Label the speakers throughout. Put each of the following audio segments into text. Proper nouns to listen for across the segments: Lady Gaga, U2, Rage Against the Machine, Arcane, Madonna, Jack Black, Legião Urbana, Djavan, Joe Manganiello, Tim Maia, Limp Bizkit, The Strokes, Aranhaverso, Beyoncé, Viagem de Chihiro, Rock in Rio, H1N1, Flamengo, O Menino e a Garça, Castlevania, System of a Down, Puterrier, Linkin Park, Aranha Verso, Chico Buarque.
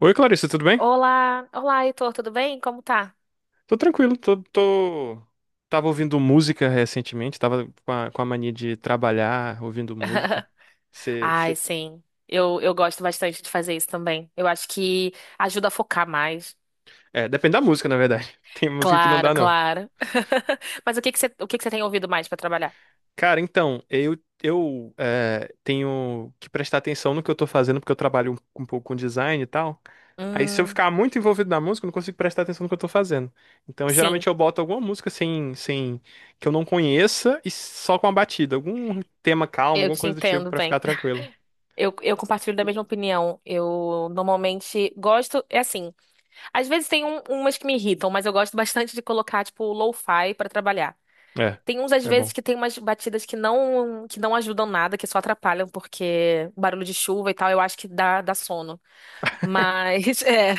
Speaker 1: Oi, Clarissa, tudo bem?
Speaker 2: Olá, olá, Heitor, tudo bem? Como tá?
Speaker 1: Tô tranquilo, tô. Tava ouvindo música recentemente, tava com a mania de trabalhar ouvindo música. Cê,
Speaker 2: Ai,
Speaker 1: cê-
Speaker 2: sim. Eu gosto bastante de fazer isso também. Eu acho que ajuda a focar mais.
Speaker 1: É, depende da música, na verdade. Tem música que não
Speaker 2: Claro,
Speaker 1: dá, não.
Speaker 2: claro. Mas o que que você tem ouvido mais para trabalhar?
Speaker 1: Cara, então, eu, tenho que prestar atenção no que eu tô fazendo, porque eu trabalho um pouco com design e tal. Aí, se eu
Speaker 2: Hum,
Speaker 1: ficar muito envolvido na música, eu não consigo prestar atenção no que eu tô fazendo. Então,
Speaker 2: sim,
Speaker 1: geralmente, eu boto alguma música sem que eu não conheça e só com a batida. Algum tema calmo,
Speaker 2: eu
Speaker 1: alguma
Speaker 2: te
Speaker 1: coisa do tipo,
Speaker 2: entendo
Speaker 1: pra ficar
Speaker 2: bem.
Speaker 1: tranquilo.
Speaker 2: Eu compartilho da mesma opinião. Eu normalmente gosto, é assim, às vezes tem umas que me irritam, mas eu gosto bastante de colocar, tipo, lo-fi para trabalhar.
Speaker 1: É,
Speaker 2: Tem uns, às
Speaker 1: é
Speaker 2: vezes,
Speaker 1: bom.
Speaker 2: que tem umas batidas que não ajudam nada, que só atrapalham, porque barulho de chuva e tal, eu acho que dá sono. Mas, é.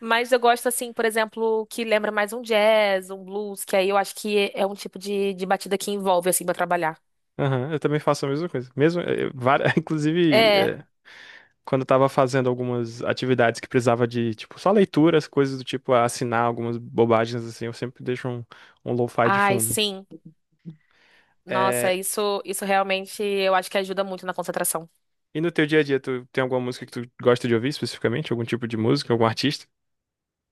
Speaker 2: Mas eu gosto, assim, por exemplo, que lembra mais um jazz, um blues, que aí eu acho que é um tipo de batida que envolve, assim, pra trabalhar.
Speaker 1: Aham, eu também faço a mesma coisa. Mesmo, várias, inclusive.
Speaker 2: É.
Speaker 1: Quando eu tava fazendo algumas atividades que precisava de, tipo, só leituras, coisas do tipo, assinar algumas bobagens assim, eu sempre deixo um lo-fi de
Speaker 2: Ai,
Speaker 1: fundo.
Speaker 2: sim. Nossa,
Speaker 1: É,
Speaker 2: isso realmente eu acho que ajuda muito na concentração.
Speaker 1: e no teu dia a dia, tu tem alguma música que tu gosta de ouvir especificamente? Algum tipo de música, algum artista?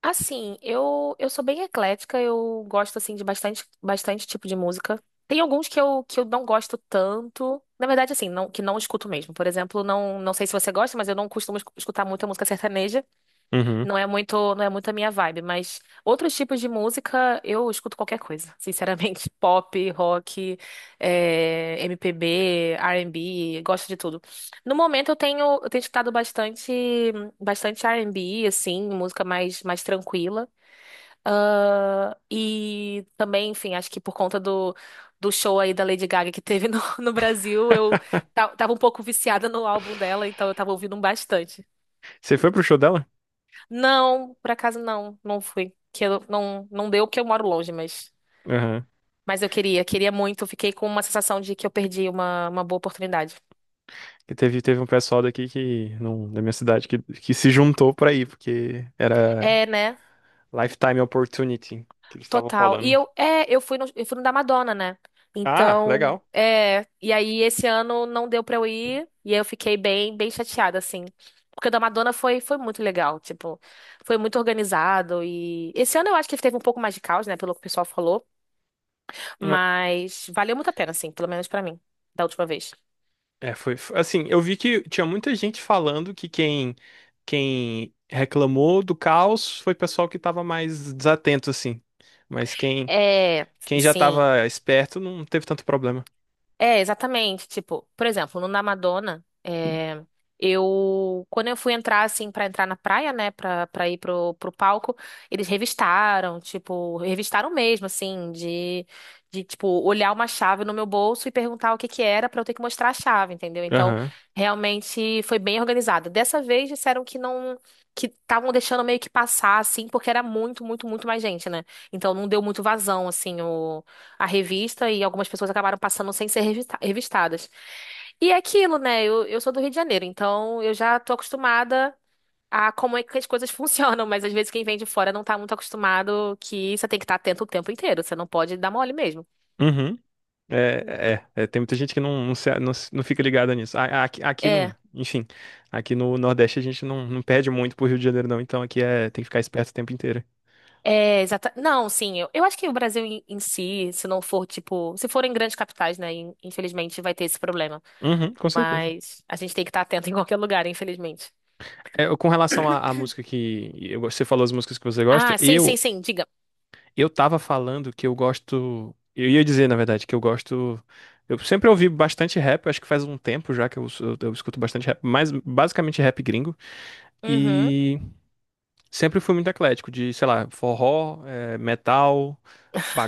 Speaker 2: Assim, eu sou bem eclética, eu gosto assim de bastante tipo de música. Tem alguns que eu não gosto tanto. Na verdade, assim, não, que não escuto mesmo. Por exemplo, não, não sei se você gosta, mas eu não costumo escutar muita música sertaneja.
Speaker 1: Uhum.
Speaker 2: Não é muito a minha vibe, mas outros tipos de música eu escuto qualquer coisa. Sinceramente, pop, rock, MPB, R&B, gosto de tudo. No momento eu tenho escutado bastante, bastante R&B, assim, música mais, mais tranquila. Ah, e também, enfim, acho que por conta do show aí da Lady Gaga que teve no, no Brasil, eu tava um pouco viciada no álbum dela, então eu tava ouvindo bastante.
Speaker 1: Você foi pro show dela?
Speaker 2: Não, por acaso não, não fui. Que eu, não, não deu porque eu moro longe,
Speaker 1: Aham.
Speaker 2: mas eu queria, queria muito. Fiquei com uma sensação de que eu perdi uma boa oportunidade.
Speaker 1: Que teve um pessoal daqui que, não, da minha cidade que se juntou pra ir, porque era
Speaker 2: É, né?
Speaker 1: Lifetime Opportunity que eles estavam
Speaker 2: Total. E
Speaker 1: falando.
Speaker 2: eu, é, eu fui no da Madonna, né?
Speaker 1: Ah,
Speaker 2: Então,
Speaker 1: legal.
Speaker 2: é, e aí esse ano não deu pra eu ir, e aí eu fiquei bem, bem chateada, assim. Porque o da Madonna foi, foi muito legal, tipo, foi muito organizado e esse ano eu acho que teve um pouco mais de caos, né, pelo que o pessoal falou, mas valeu muito a pena, assim, pelo menos pra mim, da última vez.
Speaker 1: É, assim, eu vi que tinha muita gente falando que quem reclamou do caos foi pessoal que estava mais desatento assim. Mas quem
Speaker 2: É,
Speaker 1: quem já
Speaker 2: sim.
Speaker 1: estava esperto não teve tanto problema.
Speaker 2: É, exatamente. Tipo, por exemplo, no na Madonna, é, eu quando eu fui entrar assim pra entrar na praia, né, Pra para ir pro, pro palco, eles revistaram, tipo, revistaram mesmo assim, de tipo olhar uma chave no meu bolso e perguntar o que que era pra eu ter que mostrar a chave, entendeu? Então,
Speaker 1: Aham.
Speaker 2: realmente foi bem organizado. Dessa vez disseram que não que estavam deixando meio que passar assim, porque era muito, muito, muito mais gente, né? Então não deu muito vazão assim a revista e algumas pessoas acabaram passando sem ser revistadas. E é aquilo, né? Eu sou do Rio de Janeiro, então eu já tô acostumada a como é que as coisas funcionam, mas às vezes quem vem de fora não tá muito acostumado que você tem que estar atento o tempo inteiro, você não pode dar mole mesmo.
Speaker 1: Uhum. É, tem muita gente que não fica ligada nisso. Aqui,
Speaker 2: É.
Speaker 1: não, enfim, aqui no Nordeste a gente não perde muito pro Rio de Janeiro, não, então aqui é, tem que ficar esperto o tempo inteiro.
Speaker 2: É, exata. Não, sim, eu acho que o Brasil em si, se não for, tipo, se for em grandes capitais, né, infelizmente vai ter esse problema.
Speaker 1: Uhum, com certeza.
Speaker 2: Mas a gente tem que estar atento em qualquer lugar, infelizmente.
Speaker 1: É, com relação à música você falou, as músicas que você gosta,
Speaker 2: Ah, sim, sim,
Speaker 1: eu
Speaker 2: sim, diga.
Speaker 1: Eu tava falando que eu gosto. Eu ia dizer, na verdade, que eu gosto. Eu sempre ouvi bastante rap, eu acho que faz um tempo já que eu escuto bastante rap, mas basicamente rap gringo.
Speaker 2: Uhum.
Speaker 1: E sempre fui muito eclético, de, sei lá, forró, metal,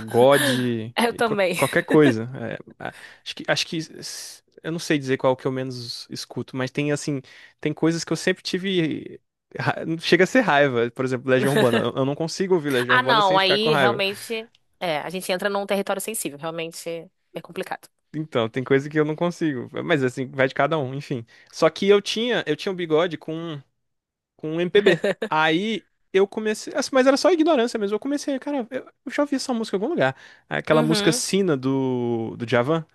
Speaker 2: Eu
Speaker 1: e qual-
Speaker 2: também.
Speaker 1: qualquer coisa. Eu não sei dizer qual que eu menos escuto, mas tem, assim, tem coisas que eu sempre tive. ra- Chega a ser raiva, por exemplo, Legião Urbana. Eu não consigo ouvir Legião
Speaker 2: Ah,
Speaker 1: Urbana
Speaker 2: não,
Speaker 1: sem ficar com
Speaker 2: aí
Speaker 1: raiva.
Speaker 2: realmente é, a gente entra num território sensível, realmente é complicado.
Speaker 1: Então, tem coisa que eu não consigo. Mas assim, vai de cada um, enfim. Só que eu tinha um bigode com um MPB. Aí eu comecei, assim, mas era só ignorância mesmo. Eu comecei, cara, eu já ouvi essa música em algum lugar. Aquela música
Speaker 2: Uhum.
Speaker 1: Sina do Djavan.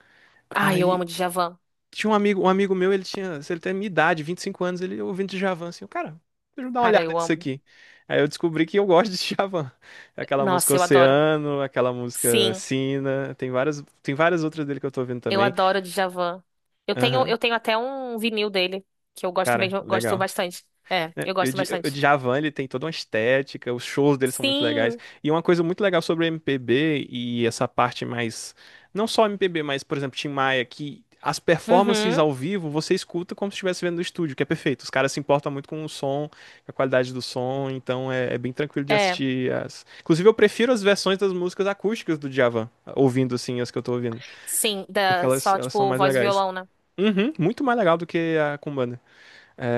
Speaker 2: Ah, eu amo
Speaker 1: Aí
Speaker 2: Djavan.
Speaker 1: tinha um amigo meu, ele tinha, ele tem a minha idade, 25 anos, ele ouvindo Djavan, assim, cara, deixa eu dar uma
Speaker 2: Cara,
Speaker 1: olhada
Speaker 2: eu
Speaker 1: nisso
Speaker 2: amo.
Speaker 1: aqui. Aí eu descobri que eu gosto de Djavan. Aquela música
Speaker 2: Nossa, eu adoro.
Speaker 1: Oceano, aquela música
Speaker 2: Sim,
Speaker 1: Sina, tem várias outras dele que eu tô ouvindo
Speaker 2: eu
Speaker 1: também.
Speaker 2: adoro Djavan.
Speaker 1: Aham.
Speaker 2: Eu tenho até um vinil dele, que eu gosto
Speaker 1: Cara,
Speaker 2: mesmo, gosto
Speaker 1: legal.
Speaker 2: bastante. É,
Speaker 1: É,
Speaker 2: eu
Speaker 1: O
Speaker 2: gosto
Speaker 1: Di- o
Speaker 2: bastante.
Speaker 1: Djavan, ele tem toda uma estética, os shows dele são muito legais.
Speaker 2: Sim.
Speaker 1: E uma coisa muito legal sobre MPB e essa parte mais, não só MPB, mas, por exemplo, Tim Maia, que as performances
Speaker 2: Uhum.
Speaker 1: ao vivo você escuta como se estivesse vendo no estúdio, que é perfeito. Os caras se importam muito com o som, com a qualidade do som, então é bem tranquilo de
Speaker 2: É,
Speaker 1: assistir as... Inclusive, eu prefiro as versões das músicas acústicas do Djavan, ouvindo assim as que eu tô ouvindo,
Speaker 2: sim,
Speaker 1: porque
Speaker 2: da
Speaker 1: elas,
Speaker 2: só
Speaker 1: elas são
Speaker 2: tipo
Speaker 1: mais
Speaker 2: voz e
Speaker 1: legais.
Speaker 2: violão, né?
Speaker 1: Uhum, muito mais legal do que a com banda.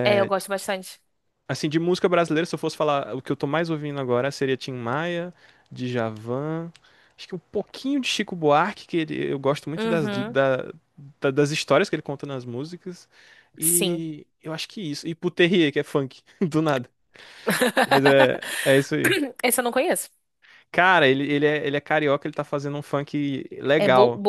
Speaker 2: É, eu gosto bastante.
Speaker 1: Assim, de música brasileira, se eu fosse falar, o que eu tô mais ouvindo agora seria Tim Maia, Djavan, acho que um pouquinho de Chico Buarque, eu gosto muito das,
Speaker 2: Uhum.
Speaker 1: das histórias que ele conta nas músicas,
Speaker 2: Sim.
Speaker 1: e eu acho que isso, e Puterrier, que é funk, do nada, mas é isso aí.
Speaker 2: Esse eu não conheço.
Speaker 1: Cara, ele é carioca, ele tá fazendo um funk
Speaker 2: É Bull,
Speaker 1: legal,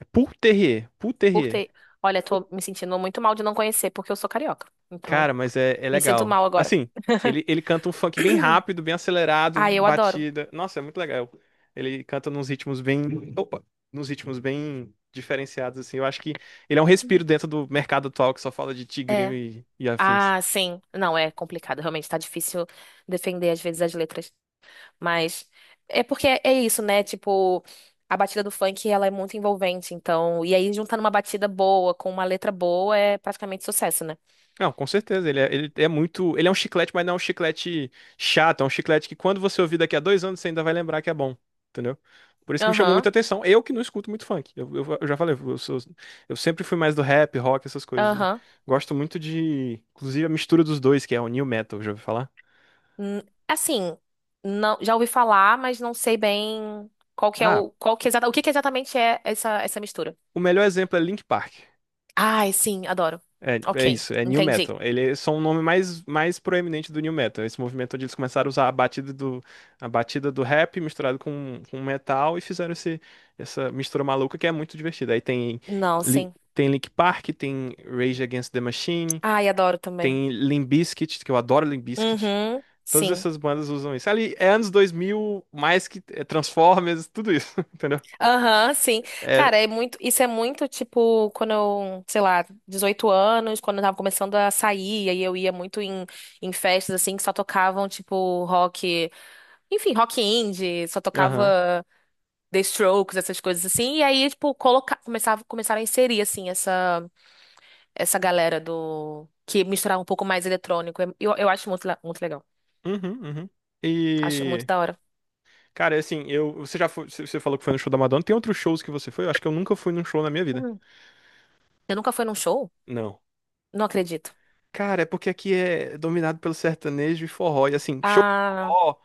Speaker 1: é Puterrier,
Speaker 2: Por
Speaker 1: Puterrier.
Speaker 2: ter. Olha, tô me sentindo muito mal de não conhecer, porque eu sou carioca. Então,
Speaker 1: Cara, mas é
Speaker 2: me sinto
Speaker 1: legal.
Speaker 2: mal agora.
Speaker 1: Assim, ele canta um funk bem rápido, bem acelerado,
Speaker 2: Ah, eu adoro.
Speaker 1: batida. Nossa, é muito legal. Ele canta nos ritmos bem. Opa! Nos ritmos bem diferenciados, assim. Eu acho que ele é um respiro dentro do mercado atual que só fala de tigrinho
Speaker 2: É.
Speaker 1: e afins.
Speaker 2: Ah, sim. Não, é complicado. Realmente tá difícil defender, às vezes, as letras. Mas é porque é isso, né? Tipo, a batida do funk, ela é muito envolvente. Então, e aí juntando uma batida boa com uma letra boa é praticamente sucesso, né?
Speaker 1: Não, com certeza. Ele é muito. Ele é um chiclete, mas não é um chiclete chato. É um chiclete que quando você ouvir daqui a 2 anos, você ainda vai lembrar que é bom. Entendeu? Por isso que me chamou
Speaker 2: Aham,
Speaker 1: muita atenção. Eu que não escuto muito funk. Eu já falei, eu sempre fui mais do rap, rock, essas coisas.
Speaker 2: aham.
Speaker 1: Gosto muito de. Inclusive a mistura dos dois, que é o new metal, já ouviu falar?
Speaker 2: Hum, Assim, não, já ouvi falar, mas não sei bem
Speaker 1: Ah,
Speaker 2: qual que é o que que exatamente é essa mistura.
Speaker 1: o melhor exemplo é Link Park.
Speaker 2: Ai, sim, adoro.
Speaker 1: É
Speaker 2: Ok,
Speaker 1: isso, é New
Speaker 2: entendi.
Speaker 1: Metal. Ele é só um nome mais, mais proeminente do New Metal. Esse movimento onde eles começaram a usar a batida do rap misturado com metal e fizeram esse, essa mistura maluca que é muito divertida. Aí tem,
Speaker 2: Não,
Speaker 1: Lin-
Speaker 2: sim.
Speaker 1: tem Linkin Park, tem Rage Against the Machine,
Speaker 2: Ai, adoro também.
Speaker 1: tem Limp Bizkit, que eu adoro Limp Bizkit.
Speaker 2: Uhum,
Speaker 1: Todas
Speaker 2: sim.
Speaker 1: essas bandas usam isso. Ali é anos 2000 mais que é Transformers, tudo isso, entendeu?
Speaker 2: Aham, sim.
Speaker 1: É,
Speaker 2: Cara, é muito, isso é muito tipo quando eu, sei lá, 18 anos, quando eu tava começando a sair, aí eu ia muito em festas assim que só tocavam tipo rock, enfim, rock indie, só
Speaker 1: aham.
Speaker 2: tocava The Strokes, essas coisas assim. E aí, tipo, colocar, começava, começaram a inserir, assim, essa galera do... Que misturava um pouco mais eletrônico. Eu acho muito, muito legal.
Speaker 1: Uhum, uhum.
Speaker 2: Acho muito
Speaker 1: E
Speaker 2: da hora.
Speaker 1: Cara, é assim, eu, você já foi, você você falou que foi no show da Madonna. Tem outros shows que você foi? Eu acho que eu nunca fui num show na minha vida.
Speaker 2: Hum. Você nunca foi num show?
Speaker 1: Não.
Speaker 2: Não acredito.
Speaker 1: Cara, é porque aqui é dominado pelo sertanejo e forró. E assim, show de
Speaker 2: Ah,
Speaker 1: forró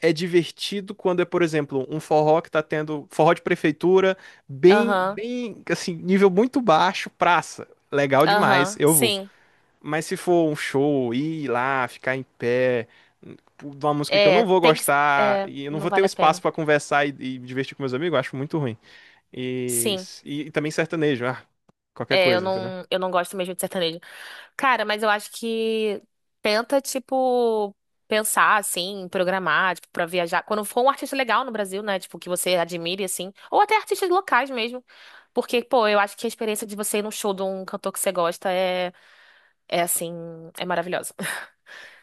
Speaker 1: é divertido quando é, por exemplo, um forró que tá tendo forró de prefeitura, bem,
Speaker 2: aham,
Speaker 1: bem, assim, nível muito baixo, praça. Legal demais,
Speaker 2: aham,
Speaker 1: eu vou.
Speaker 2: sim.
Speaker 1: Mas se for um show, ir lá, ficar em pé, hum, de uma música que eu
Speaker 2: É,
Speaker 1: não vou
Speaker 2: tem que...
Speaker 1: gostar,
Speaker 2: É,
Speaker 1: e eu não
Speaker 2: não
Speaker 1: vou ter um
Speaker 2: vale a
Speaker 1: espaço
Speaker 2: pena.
Speaker 1: pra conversar e me divertir com meus amigos, eu acho muito ruim. E,
Speaker 2: Sim.
Speaker 1: e também sertanejo, ah, qualquer
Speaker 2: É,
Speaker 1: coisa, entendeu?
Speaker 2: eu não gosto mesmo de sertanejo. Cara, mas eu acho que tenta, tipo, pensar, assim, programar, tipo, pra viajar. Quando for um artista legal no Brasil, né? Tipo, que você admire, assim. Ou até artistas locais mesmo. Porque, pô, eu acho que a experiência de você ir num show de um cantor que você gosta é assim, é maravilhosa.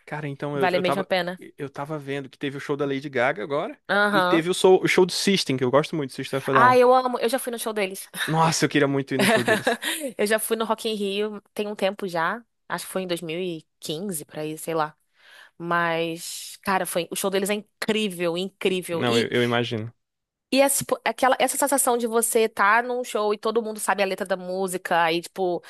Speaker 1: Cara, então
Speaker 2: Vale mesmo a pena.
Speaker 1: Eu tava vendo que teve o show da Lady Gaga agora e
Speaker 2: Aham.
Speaker 1: teve o show do System, que eu gosto muito do System of a
Speaker 2: Ah,
Speaker 1: Down.
Speaker 2: eu amo. Eu já fui no show deles.
Speaker 1: Nossa, eu queria muito ir no show deles.
Speaker 2: Eu já fui no Rock in Rio tem um tempo já. Acho que foi em 2015 por ir, sei lá. Mas, cara, foi, o show deles é incrível, incrível.
Speaker 1: Não, eu,
Speaker 2: E,
Speaker 1: eu imagino.
Speaker 2: e essa, tipo, aquela, essa sensação de você estar num show e todo mundo sabe a letra da música, aí, tipo,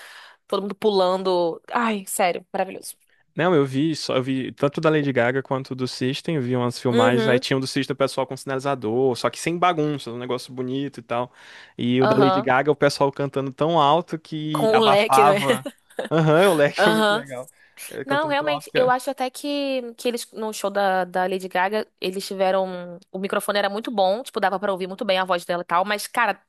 Speaker 2: todo mundo pulando. Ai, sério, maravilhoso.
Speaker 1: Não, eu, vi só, eu vi tanto da Lady Gaga quanto do System, eu vi umas filmagens, aí
Speaker 2: Uhum,
Speaker 1: tinha um do System o pessoal com sinalizador, só que sem bagunça, um negócio bonito e tal. E o da Lady
Speaker 2: aham.
Speaker 1: Gaga, o pessoal cantando tão alto que
Speaker 2: Com o leque, né?
Speaker 1: abafava. Aham, o leque foi muito
Speaker 2: Aham.
Speaker 1: legal.
Speaker 2: Não,
Speaker 1: Cantando tão alto
Speaker 2: realmente,
Speaker 1: que.
Speaker 2: eu
Speaker 1: É.
Speaker 2: acho até que eles, no show da Lady Gaga, eles tiveram. O microfone era muito bom, tipo, dava pra ouvir muito bem a voz dela e tal, mas, cara,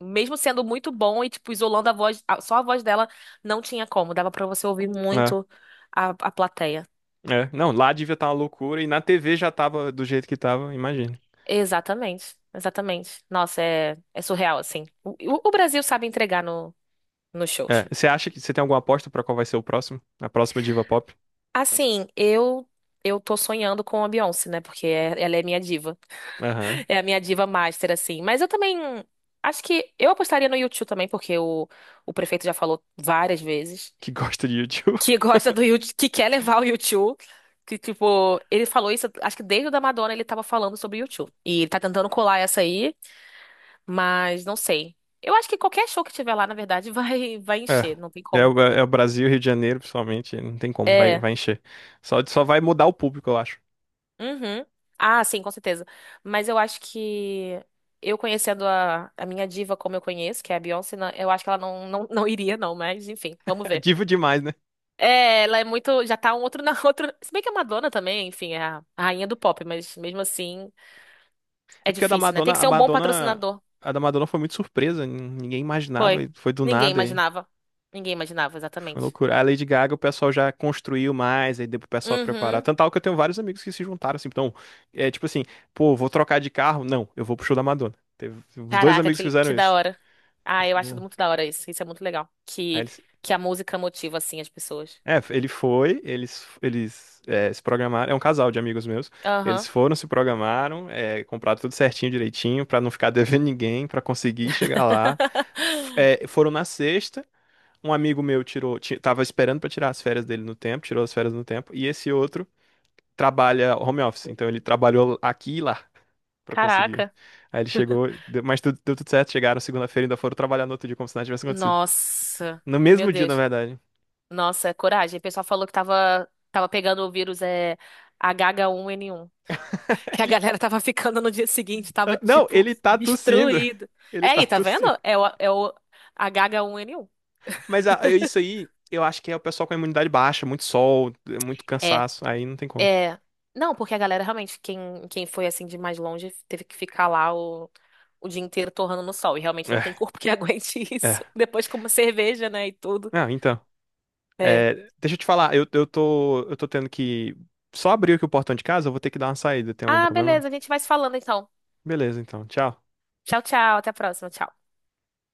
Speaker 2: mesmo sendo muito bom e, tipo, isolando a voz, só a voz dela, não tinha como, dava pra você ouvir
Speaker 1: É.
Speaker 2: muito a plateia.
Speaker 1: É, não, lá devia estar uma loucura e na TV já tava do jeito que tava, imagina.
Speaker 2: Exatamente, exatamente. Nossa, é, é surreal, assim. O Brasil sabe entregar no, nos
Speaker 1: É,
Speaker 2: shows.
Speaker 1: você acha que você tem alguma aposta pra qual vai ser o próximo? A próxima diva pop?
Speaker 2: Assim, eu tô sonhando com a Beyoncé, né? Porque é- ela é minha diva.
Speaker 1: Aham.
Speaker 2: É a minha diva master, assim. Mas eu também acho que eu apostaria no U2 também, porque o prefeito já falou várias vezes
Speaker 1: Que gosta de YouTube.
Speaker 2: que gosta do U2, que quer levar o U2. Que, tipo, ele falou isso, acho que desde o da Madonna ele tava falando sobre o U2. E ele tá tentando colar essa aí. Mas não sei. Eu acho que qualquer show que tiver lá, na verdade, vai, vai encher,
Speaker 1: É.
Speaker 2: não tem
Speaker 1: É
Speaker 2: como.
Speaker 1: o, é o Brasil, Rio de Janeiro, principalmente, não tem como, vai,
Speaker 2: É.
Speaker 1: vai encher. Só vai mudar o público, eu acho.
Speaker 2: Uhum. Ah, sim, com certeza. Mas eu acho que eu conhecendo a minha diva como eu conheço, que é a Beyoncé, na- eu acho que ela não, não, não iria, não, mas enfim, vamos
Speaker 1: É
Speaker 2: ver.
Speaker 1: diva demais, né?
Speaker 2: É, ela é muito. Já tá um outro na outra. Se bem que a Madonna também, enfim, é a rainha do pop, mas mesmo assim
Speaker 1: É
Speaker 2: é
Speaker 1: porque a da
Speaker 2: difícil, né? Tem
Speaker 1: Madonna,
Speaker 2: que
Speaker 1: a
Speaker 2: ser um bom
Speaker 1: Madonna,
Speaker 2: patrocinador.
Speaker 1: a da Madonna foi muito surpresa, ninguém imaginava,
Speaker 2: Foi.
Speaker 1: e foi do
Speaker 2: Ninguém
Speaker 1: nada. e-
Speaker 2: imaginava. Ninguém imaginava,
Speaker 1: Foi
Speaker 2: exatamente.
Speaker 1: loucura. A Lady Gaga, o pessoal já construiu mais, aí deu pro pessoal preparar.
Speaker 2: Uhum.
Speaker 1: Tanto tal que eu tenho vários amigos que se juntaram, assim, então, é tipo assim, pô, vou trocar de carro? Não, eu vou pro show da Madonna. Teve os dois
Speaker 2: Caraca,
Speaker 1: amigos que fizeram
Speaker 2: que da
Speaker 1: isso.
Speaker 2: hora. Ah, eu acho
Speaker 1: Bom.
Speaker 2: muito da hora isso. Isso é muito legal.
Speaker 1: Aí eles,
Speaker 2: Que a música motiva, assim, as pessoas.
Speaker 1: é, ele foi, eles é, se programaram, é um casal de amigos meus, eles
Speaker 2: Aham.
Speaker 1: foram, se programaram, é, compraram tudo certinho, direitinho, pra não ficar devendo ninguém, pra conseguir chegar lá. Foram na sexta, um amigo meu tava esperando pra tirar as férias dele no tempo, tirou as férias no tempo, e esse outro trabalha home office, então ele trabalhou aqui e lá pra conseguir.
Speaker 2: Caraca.
Speaker 1: Aí ele chegou, mas tudo, deu tudo certo, chegaram segunda-feira e ainda foram trabalhar no outro dia como se nada tivesse acontecido.
Speaker 2: Nossa.
Speaker 1: No
Speaker 2: Meu
Speaker 1: mesmo dia, na
Speaker 2: Deus.
Speaker 1: verdade.
Speaker 2: Nossa, é coragem. O pessoal falou que tava pegando o vírus é, H1N1. Que a
Speaker 1: Ele-
Speaker 2: galera tava ficando no dia seguinte, tava,
Speaker 1: Ah, não,
Speaker 2: tipo,
Speaker 1: ele tá tossindo.
Speaker 2: destruído. É
Speaker 1: Ele tá
Speaker 2: aí, tá vendo?
Speaker 1: tossindo.
Speaker 2: É o H1N1.
Speaker 1: Mas ah, isso aí, eu acho que é o pessoal com a imunidade baixa, muito sol, muito
Speaker 2: É.
Speaker 1: cansaço, aí não tem como.
Speaker 2: É. Não, porque a galera realmente, quem foi assim de mais longe, teve que ficar lá o dia inteiro torrando no sol. E realmente não tem
Speaker 1: É,
Speaker 2: corpo que aguente isso.
Speaker 1: é.
Speaker 2: Depois como cerveja, né, e tudo.
Speaker 1: Não, então.
Speaker 2: É.
Speaker 1: É, deixa eu te falar, eu tô tendo que só abrir aqui o portão de casa, eu vou ter que dar uma saída, tem algum
Speaker 2: Ah,
Speaker 1: problema?
Speaker 2: beleza, a gente vai se falando então.
Speaker 1: Beleza, então. Tchau.
Speaker 2: Tchau, tchau, até a próxima, tchau.